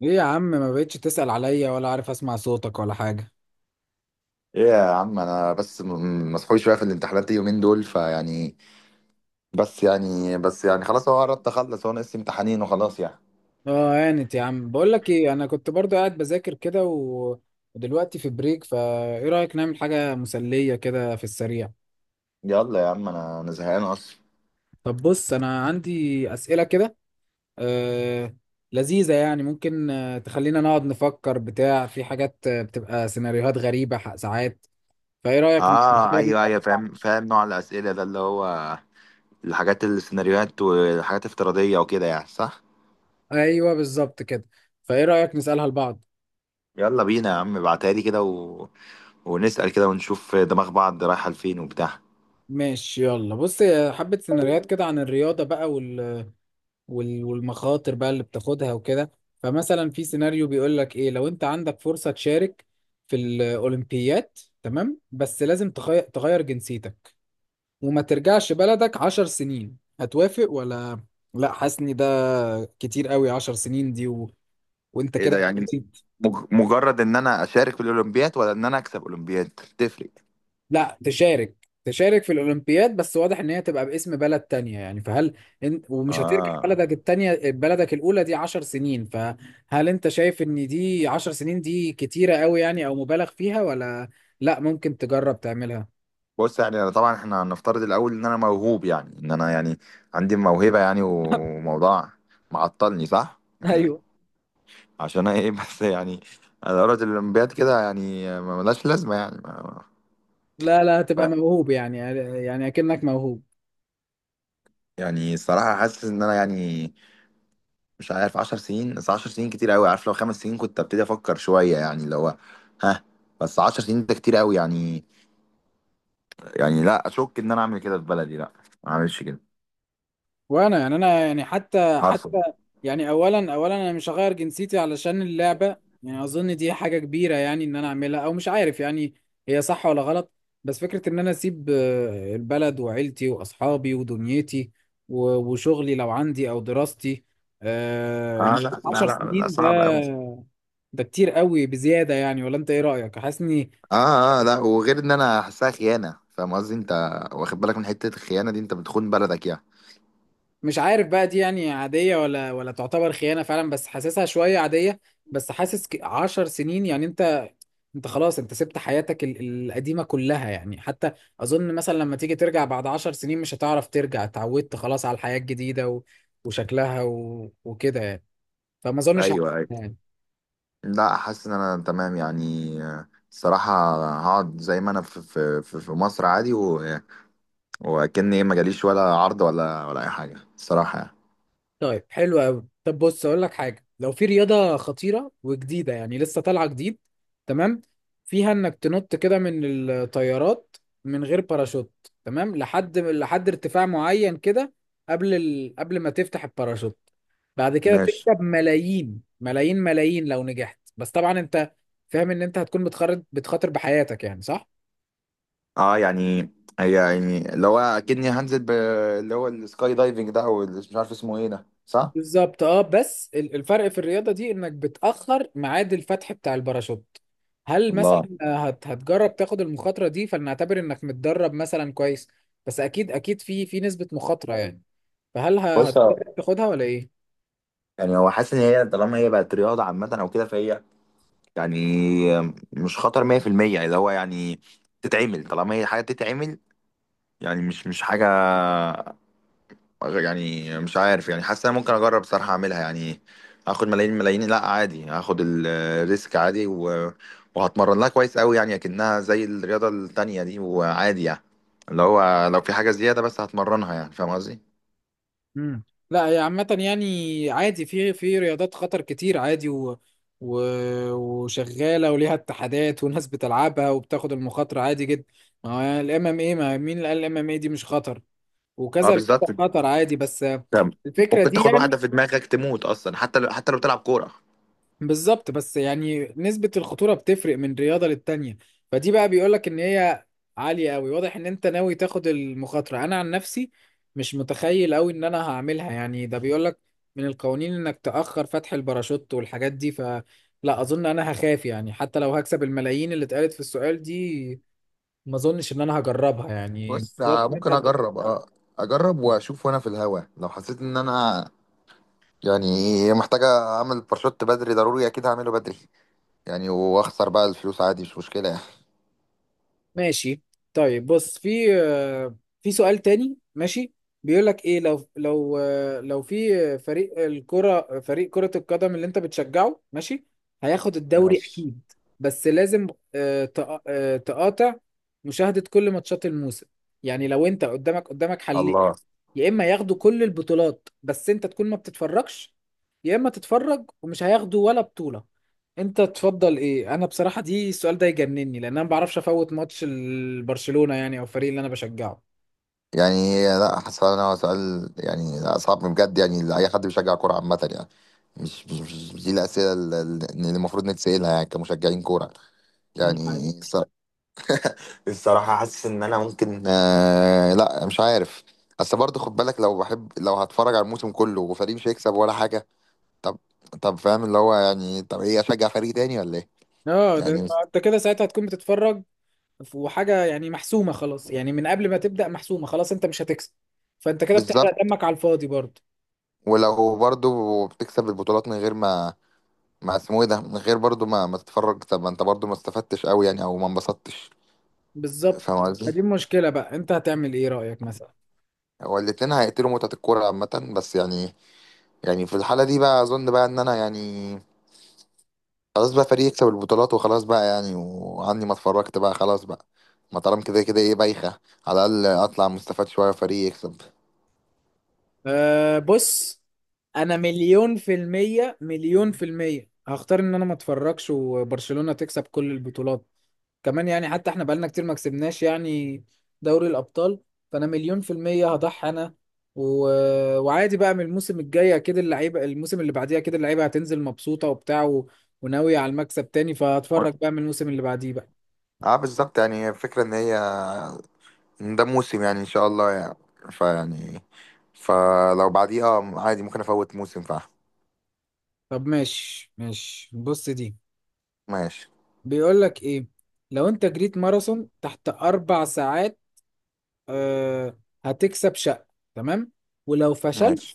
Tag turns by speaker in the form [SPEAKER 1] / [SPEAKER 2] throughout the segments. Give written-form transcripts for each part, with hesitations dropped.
[SPEAKER 1] ليه يا عم ما بقتش تسأل عليا ولا عارف اسمع صوتك ولا حاجة؟
[SPEAKER 2] ايه يا عم، انا بس مسحول شويه في الامتحانات اليومين دول فيعني. بس يعني خلاص، هو قربت اخلص، هو ناقص امتحانين وخلاص يعني.
[SPEAKER 1] اه، هانت يا عم. بقول لك ايه، انا كنت برضو قاعد بذاكر كده ودلوقتي في بريك، فايه رأيك نعمل حاجة مسلية كده في السريع؟
[SPEAKER 2] يلا يا عم، انا زهقان اصلا.
[SPEAKER 1] طب بص، انا عندي أسئلة كده آه... لذيذة، يعني ممكن تخلينا نقعد نفكر بتاع في حاجات بتبقى سيناريوهات غريبة ساعات. فايه رأيك
[SPEAKER 2] اه
[SPEAKER 1] نجرب-
[SPEAKER 2] ايوه ايوه، فاهم فاهم نوع الاسئله ده، اللي هو الحاجات السيناريوهات والحاجات الافتراضيه وكده يعني، صح.
[SPEAKER 1] ايوه بالظبط كده. فايه رأيك نسألها لبعض؟
[SPEAKER 2] يلا بينا يا عم، ابعتها لي كده ونسال كده ونشوف دماغ بعض رايحه لفين وبتاع.
[SPEAKER 1] ماشي، يلا بص. حبة سيناريوهات كده عن الرياضة بقى، والمخاطر بقى اللي بتاخدها وكده. فمثلا في سيناريو بيقول لك ايه، لو انت عندك فرصة تشارك في الأولمبياد، تمام، بس لازم تغير جنسيتك وما ترجعش بلدك 10 سنين، هتوافق ولا؟ لا، حاسس ان ده كتير قوي. 10 سنين دي وانت
[SPEAKER 2] ايه ده
[SPEAKER 1] كده.
[SPEAKER 2] يعني، مجرد ان انا اشارك في الاولمبياد ولا ان انا اكسب اولمبياد؟ تفرق.
[SPEAKER 1] لا، تشارك في الأولمبياد بس، واضح إن هي تبقى باسم بلد تانية، يعني فهل ومش هترجع
[SPEAKER 2] اه،
[SPEAKER 1] بلدك التانية بلدك الأولى دي 10 سنين، فهل أنت شايف إن دي 10 سنين دي كتيرة قوي يعني، أو مبالغ فيها ولا؟ لا ممكن تجرب تعملها؟
[SPEAKER 2] بص يعني، أنا طبعا احنا هنفترض الاول ان انا موهوب يعني، ان انا يعني عندي موهبه يعني، وموضوع معطلني صح يعني.
[SPEAKER 1] ايوه،
[SPEAKER 2] عشان ايه بس يعني انا دورة الاولمبياد كده يعني ملهاش لازمه يعني.
[SPEAKER 1] لا لا، هتبقى
[SPEAKER 2] ما-
[SPEAKER 1] موهوب يعني. يعني أكنك موهوب.
[SPEAKER 2] يعني الصراحه حاسس ان انا يعني مش عارف. 10 سنين، بس 10 سنين كتير قوي، عارف لو 5 سنين كنت ابتدي افكر شويه يعني، اللي هو ها. بس 10 سنين ده كتير قوي يعني، يعني لا اشك ان انا اعمل كده في بلدي، لا ما اعملش كده.
[SPEAKER 1] وانا يعني، انا يعني حتى
[SPEAKER 2] عارفه؟
[SPEAKER 1] حتى يعني اولا انا مش هغير جنسيتي علشان اللعبه. يعني اظن دي حاجه كبيره يعني، ان انا اعملها، او مش عارف يعني هي صح ولا غلط. بس فكره ان انا اسيب البلد وعيلتي واصحابي ودنيتي وشغلي لو عندي او دراستي
[SPEAKER 2] اه
[SPEAKER 1] لمده
[SPEAKER 2] لا لا
[SPEAKER 1] 10
[SPEAKER 2] لا، لا
[SPEAKER 1] سنين،
[SPEAKER 2] صعب
[SPEAKER 1] ده
[SPEAKER 2] قوي.
[SPEAKER 1] ده كتير قوي بزياده يعني. ولا انت ايه رايك، حاسس اني
[SPEAKER 2] اه اه لا، وغير ان انا حاسسها خيانه، فاهم قصدي انت؟ واخد بالك من حته الخيانه دي؟ انت بتخون بلدك يعني.
[SPEAKER 1] مش عارف بقى دي يعني عاديه ولا تعتبر خيانه فعلا، بس حاسسها شويه عاديه. بس حاسس 10 سنين يعني انت خلاص، انت سبت حياتك القديمة كلها يعني. حتى اظن مثلا لما تيجي ترجع بعد 10 سنين مش هتعرف ترجع، اتعودت خلاص على الحياة الجديدة وشكلها وكده يعني. فما اظنش هعمل
[SPEAKER 2] ايوه ايوه،
[SPEAKER 1] يعني.
[SPEAKER 2] لا حاسس ان انا تمام يعني، الصراحه هقعد زي ما انا في مصر عادي، وكأني ايه ما جاليش ولا عرض ولا اي حاجه الصراحه يعني.
[SPEAKER 1] طيب، حلو قوي. طب بص، اقول لك حاجه، لو في رياضه خطيره وجديده، يعني لسه طالعه جديد، تمام، فيها انك تنط كده من الطيارات من غير باراشوت، تمام، لحد ارتفاع معين كده، قبل ما تفتح الباراشوت، بعد كده
[SPEAKER 2] ماشي.
[SPEAKER 1] تكسب ملايين ملايين ملايين لو نجحت، بس طبعا انت فاهم ان انت هتكون بتخرج بتخاطر بحياتك يعني، صح؟
[SPEAKER 2] اه يعني، هي يعني اللي هو اكني هنزل اللي هو السكاي دايفنج ده، او اللي مش عارف اسمه ايه ده، صح.
[SPEAKER 1] بالظبط، اه، بس الفرق في الرياضة دي انك بتأخر ميعاد الفتح بتاع الباراشوت. هل مثلا
[SPEAKER 2] الله.
[SPEAKER 1] هتجرب تاخد المخاطرة دي؟ فلنعتبر انك متدرب مثلا كويس، بس اكيد اكيد في نسبة مخاطرة يعني، فهل
[SPEAKER 2] بص،
[SPEAKER 1] هتجرب تاخدها ولا ايه؟
[SPEAKER 2] يعني هو حاسس ان هي طالما هي بقت رياضه عامه او كده فهي يعني مش خطر 100%. اللي هو يعني تتعمل، طالما هي حاجة تتعمل يعني، مش حاجة يعني. مش عارف يعني، حاسس انا ممكن اجرب صراحة اعملها يعني. هاخد ملايين ملايين، لا عادي، هاخد الريسك عادي، وهتمرن لها كويس قوي يعني، اكنها زي الرياضة التانية دي وعادي يعني، اللي هو لو في حاجة زيادة بس هتمرنها يعني، فاهم قصدي؟
[SPEAKER 1] امم لا، هي عامة يعني عادي، في رياضات خطر كتير عادي و... وشغالة وليها اتحادات وناس بتلعبها وبتاخد المخاطرة عادي جدا. ما هو الام ام ايه، ما مين اللي قال الام ام ايه دي مش خطر؟
[SPEAKER 2] اه
[SPEAKER 1] وكذا
[SPEAKER 2] بالظبط.
[SPEAKER 1] رياضة خطر عادي، بس
[SPEAKER 2] انت
[SPEAKER 1] الفكرة
[SPEAKER 2] ممكن
[SPEAKER 1] دي
[SPEAKER 2] تاخد واحدة
[SPEAKER 1] يعني.
[SPEAKER 2] في دماغك تموت اصلا، حتى لو حتى لو بتلعب كورة.
[SPEAKER 1] بالظبط، بس يعني نسبة الخطورة بتفرق من رياضة للتانية. فدي بقى بيقولك إن هي عالية أوي، واضح إن أنت ناوي تاخد المخاطرة. أنا عن نفسي مش متخيل أوي إن أنا هعملها يعني، ده بيقولك من القوانين إنك تأخر فتح الباراشوت والحاجات دي، فلا، أظن أنا هخاف يعني، حتى لو هكسب الملايين اللي اتقالت في السؤال دي، ما أظنش إن أنا هجربها يعني،
[SPEAKER 2] بص،
[SPEAKER 1] برضه أنت.
[SPEAKER 2] ممكن اجرب اجرب واشوف وانا في الهوا، لو حسيت ان انا يعني محتاجة اعمل باراشوت بدري ضروري، اكيد هعمله بدري يعني، واخسر بقى الفلوس عادي، مش مشكلة يعني.
[SPEAKER 1] ماشي. طيب، بص، في سؤال تاني. ماشي. بيقول لك ايه، لو لو في فريق الكرة، فريق كرة القدم اللي انت بتشجعه، ماشي، هياخد الدوري
[SPEAKER 2] ماشي.
[SPEAKER 1] اكيد، بس لازم تقاطع مشاهدة كل ماتشات الموسم. يعني لو انت قدامك حل،
[SPEAKER 2] الله.
[SPEAKER 1] يا اما ياخدوا كل البطولات بس انت تكون ما بتتفرجش، يا اما تتفرج ومش هياخدوا ولا بطولة، انت تفضل ايه؟ انا بصراحة دي السؤال ده يجنني، لان انا ما بعرفش افوت ماتش برشلونة يعني، او الفريق اللي انا بشجعه.
[SPEAKER 2] يعني لا حاسس ان هو سؤال يعني، لا، صعب بجد يعني، لأي حد بيشجع كورة عامة يعني. مش دي الأسئلة اللي المفروض نتسألها يعني كمشجعين كورة
[SPEAKER 1] دي حقيقة.
[SPEAKER 2] يعني. الصراحة حاسس إن أنا ممكن آه، لا مش عارف. بس برضه خد بالك، لو بحب لو هتفرج على الموسم كله وفريق مش هيكسب ولا حاجة. طب طب فاهم اللي هو يعني، طب إيه أشجع فريق تاني ولا إيه؟
[SPEAKER 1] اه، ده
[SPEAKER 2] يعني
[SPEAKER 1] انت كده ساعتها هتكون بتتفرج وحاجة يعني محسومة خلاص، يعني من قبل ما تبدأ محسومة خلاص، انت مش هتكسب، فانت كده بتحرق
[SPEAKER 2] بالظبط.
[SPEAKER 1] دمك على الفاضي برضه.
[SPEAKER 2] ولو برضه بتكسب البطولات من غير ما، ما اسمه إيه ده، من غير برضه ما تتفرج، طب ما أنت برضه ما استفدتش أوي يعني، أو ما انبسطتش.
[SPEAKER 1] بالظبط.
[SPEAKER 2] فاهم قصدي؟
[SPEAKER 1] فدي المشكلة بقى، انت هتعمل ايه رأيك مثلا؟
[SPEAKER 2] هو الاتنين هيقتلوا متعة الكورة عامة بس يعني. يعني في الحالة دي بقى أظن بقى إن أنا يعني خلاص بقى، فريق يكسب البطولات وخلاص بقى يعني، وعني ما اتفرجت بقى خلاص بقى، ما طالما كده كده ايه بايخة. على الأقل أطلع مستفاد شوية، فريق يكسب.
[SPEAKER 1] أه، بص، انا مليون في المية، مليون في المية هختار ان انا ما اتفرجش وبرشلونة تكسب كل البطولات. كمان يعني، حتى احنا بقالنا كتير ما كسبناش يعني دوري الابطال. فانا مليون في المية هضحي انا و... وعادي بقى، من الموسم الجاي اكيد اللعيبة، الموسم اللي بعديه اكيد اللعيبة هتنزل مبسوطة وبتاع وناوية على المكسب تاني،
[SPEAKER 2] و-
[SPEAKER 1] فهتفرج بقى من الموسم اللي بعديه بقى.
[SPEAKER 2] اه بالظبط يعني، الفكرة إن هي إن ده موسم يعني، إن شاء الله يعني، فيعني فلو بعديه اه عادي، ممكن أفوت موسم فعلا.
[SPEAKER 1] طب، ماشي ماشي، بص دي
[SPEAKER 2] ماشي.
[SPEAKER 1] بيقول لك ايه، لو انت جريت ماراثون تحت 4 ساعات آه، هتكسب شقة، تمام، ولو فشلت
[SPEAKER 2] ماشي.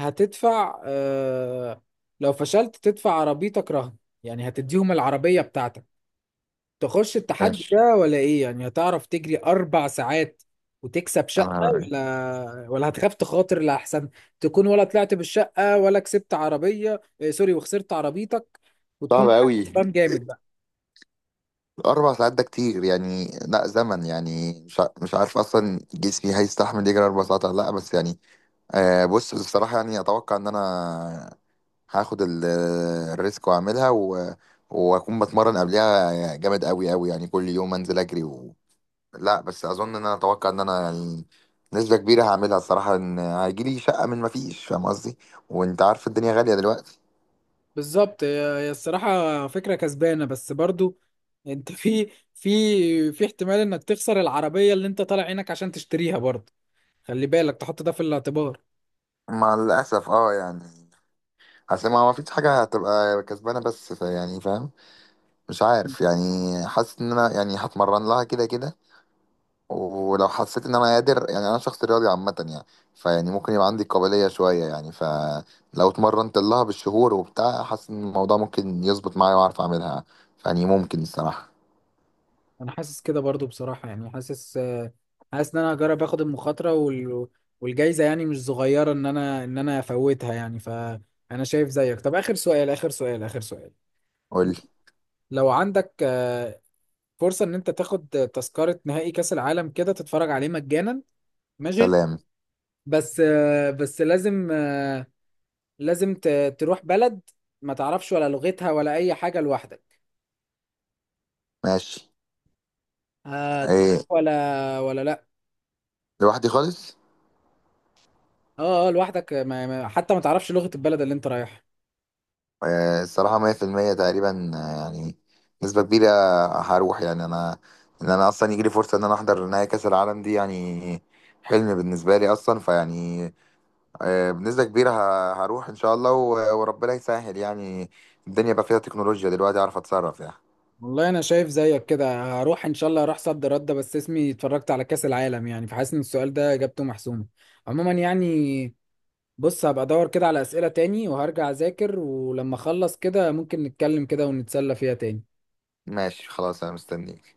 [SPEAKER 1] هتدفع آه، لو فشلت تدفع عربيتك رهن، يعني هتديهم العربية بتاعتك. تخش التحدي
[SPEAKER 2] ماشي.
[SPEAKER 1] ده ولا ايه؟ يعني هتعرف تجري 4 ساعات وتكسب
[SPEAKER 2] يا
[SPEAKER 1] شقة،
[SPEAKER 2] نهار أبيض.
[SPEAKER 1] ولا هتخاف تخاطر لأحسن تكون ولا طلعت بالشقة ولا كسبت عربية، سوري، وخسرت عربيتك
[SPEAKER 2] صعب
[SPEAKER 1] وتكون
[SPEAKER 2] أوي.
[SPEAKER 1] كسبان جامد.
[SPEAKER 2] 4 ساعات ده كتير يعني، لا زمن يعني، مش عارف أصلا جسمي هيستحمل يجري 4 ساعات ولا لأ، بس يعني آه، بص بصراحة يعني أتوقع إن أنا هاخد الريسك وأعملها، وأكون بتمرن قبلها جامد أوي أوي يعني، كل يوم أنزل أجري لا، بس أظن إن أنا أتوقع إن أنا يعني نسبة كبيرة هعملها الصراحة، إن هيجيلي شقة من مفيش، فاهم قصدي؟ وأنت عارف الدنيا غالية دلوقتي.
[SPEAKER 1] بالظبط، هي الصراحة فكرة كسبانة، بس برضو انت في في احتمال انك تخسر العربية اللي انت طالع عينك عشان تشتريها، برضو خلي بالك تحط ده في الاعتبار.
[SPEAKER 2] مع الأسف أه يعني، أصل ما فيش حاجة هتبقى كسبانة بس يعني فاهم، مش عارف يعني، حاسس إن أنا يعني هتمرن لها كده كده، ولو حسيت ان انا قادر يعني، انا شخص رياضي عامه يعني، فيعني ممكن يبقى عندي قابليه شويه يعني، فلو اتمرنت لها بالشهور وبتاع حاسس ان الموضوع ممكن يظبط معايا واعرف اعملها يعني، ممكن الصراحه.
[SPEAKER 1] انا حاسس كده برضو بصراحة، يعني حاسس ان انا هجرب اخد المخاطرة والجايزة يعني مش صغيرة ان انا افوتها يعني، فانا شايف زيك. طب اخر سؤال، اخر سؤال، اخر سؤال.
[SPEAKER 2] قول لي.
[SPEAKER 1] لو عندك فرصة ان انت تاخد تذكرة نهائي كأس العالم كده تتفرج عليه مجانا، ماشي،
[SPEAKER 2] سلام.
[SPEAKER 1] بس لازم لازم تروح بلد ما تعرفش ولا لغتها ولا اي حاجه لوحدك،
[SPEAKER 2] ماشي.
[SPEAKER 1] تروح
[SPEAKER 2] ايه
[SPEAKER 1] ولا لا؟
[SPEAKER 2] لوحدي خالص؟
[SPEAKER 1] اه اه، لوحدك، حتى ما تعرفش لغه البلد اللي انت رايحها.
[SPEAKER 2] إيه الصراحه 100% تقريبا، يعني نسبه كبيره هروح يعني. انا ان انا اصلا يجي لي فرصه ان انا احضر نهائي كاس العالم دي يعني حلم بالنسبه لي اصلا، فيعني بنسبة كبيرة هروح إن شاء الله، وربنا يسهل يعني، الدنيا بقى فيها تكنولوجيا دلوقتي، أعرف أتصرف يعني.
[SPEAKER 1] والله انا شايف زيك كده، هروح ان شاء الله، هروح صد رد، بس اسمي اتفرجت على كاس العالم يعني، فحاسس ان السؤال ده اجابته محسومه عموما يعني. بص، هبقى ادور كده على اسئله تاني وهرجع اذاكر، ولما اخلص كده ممكن نتكلم كده ونتسلى فيها تاني.
[SPEAKER 2] ماشي خلاص، أنا مستنيك.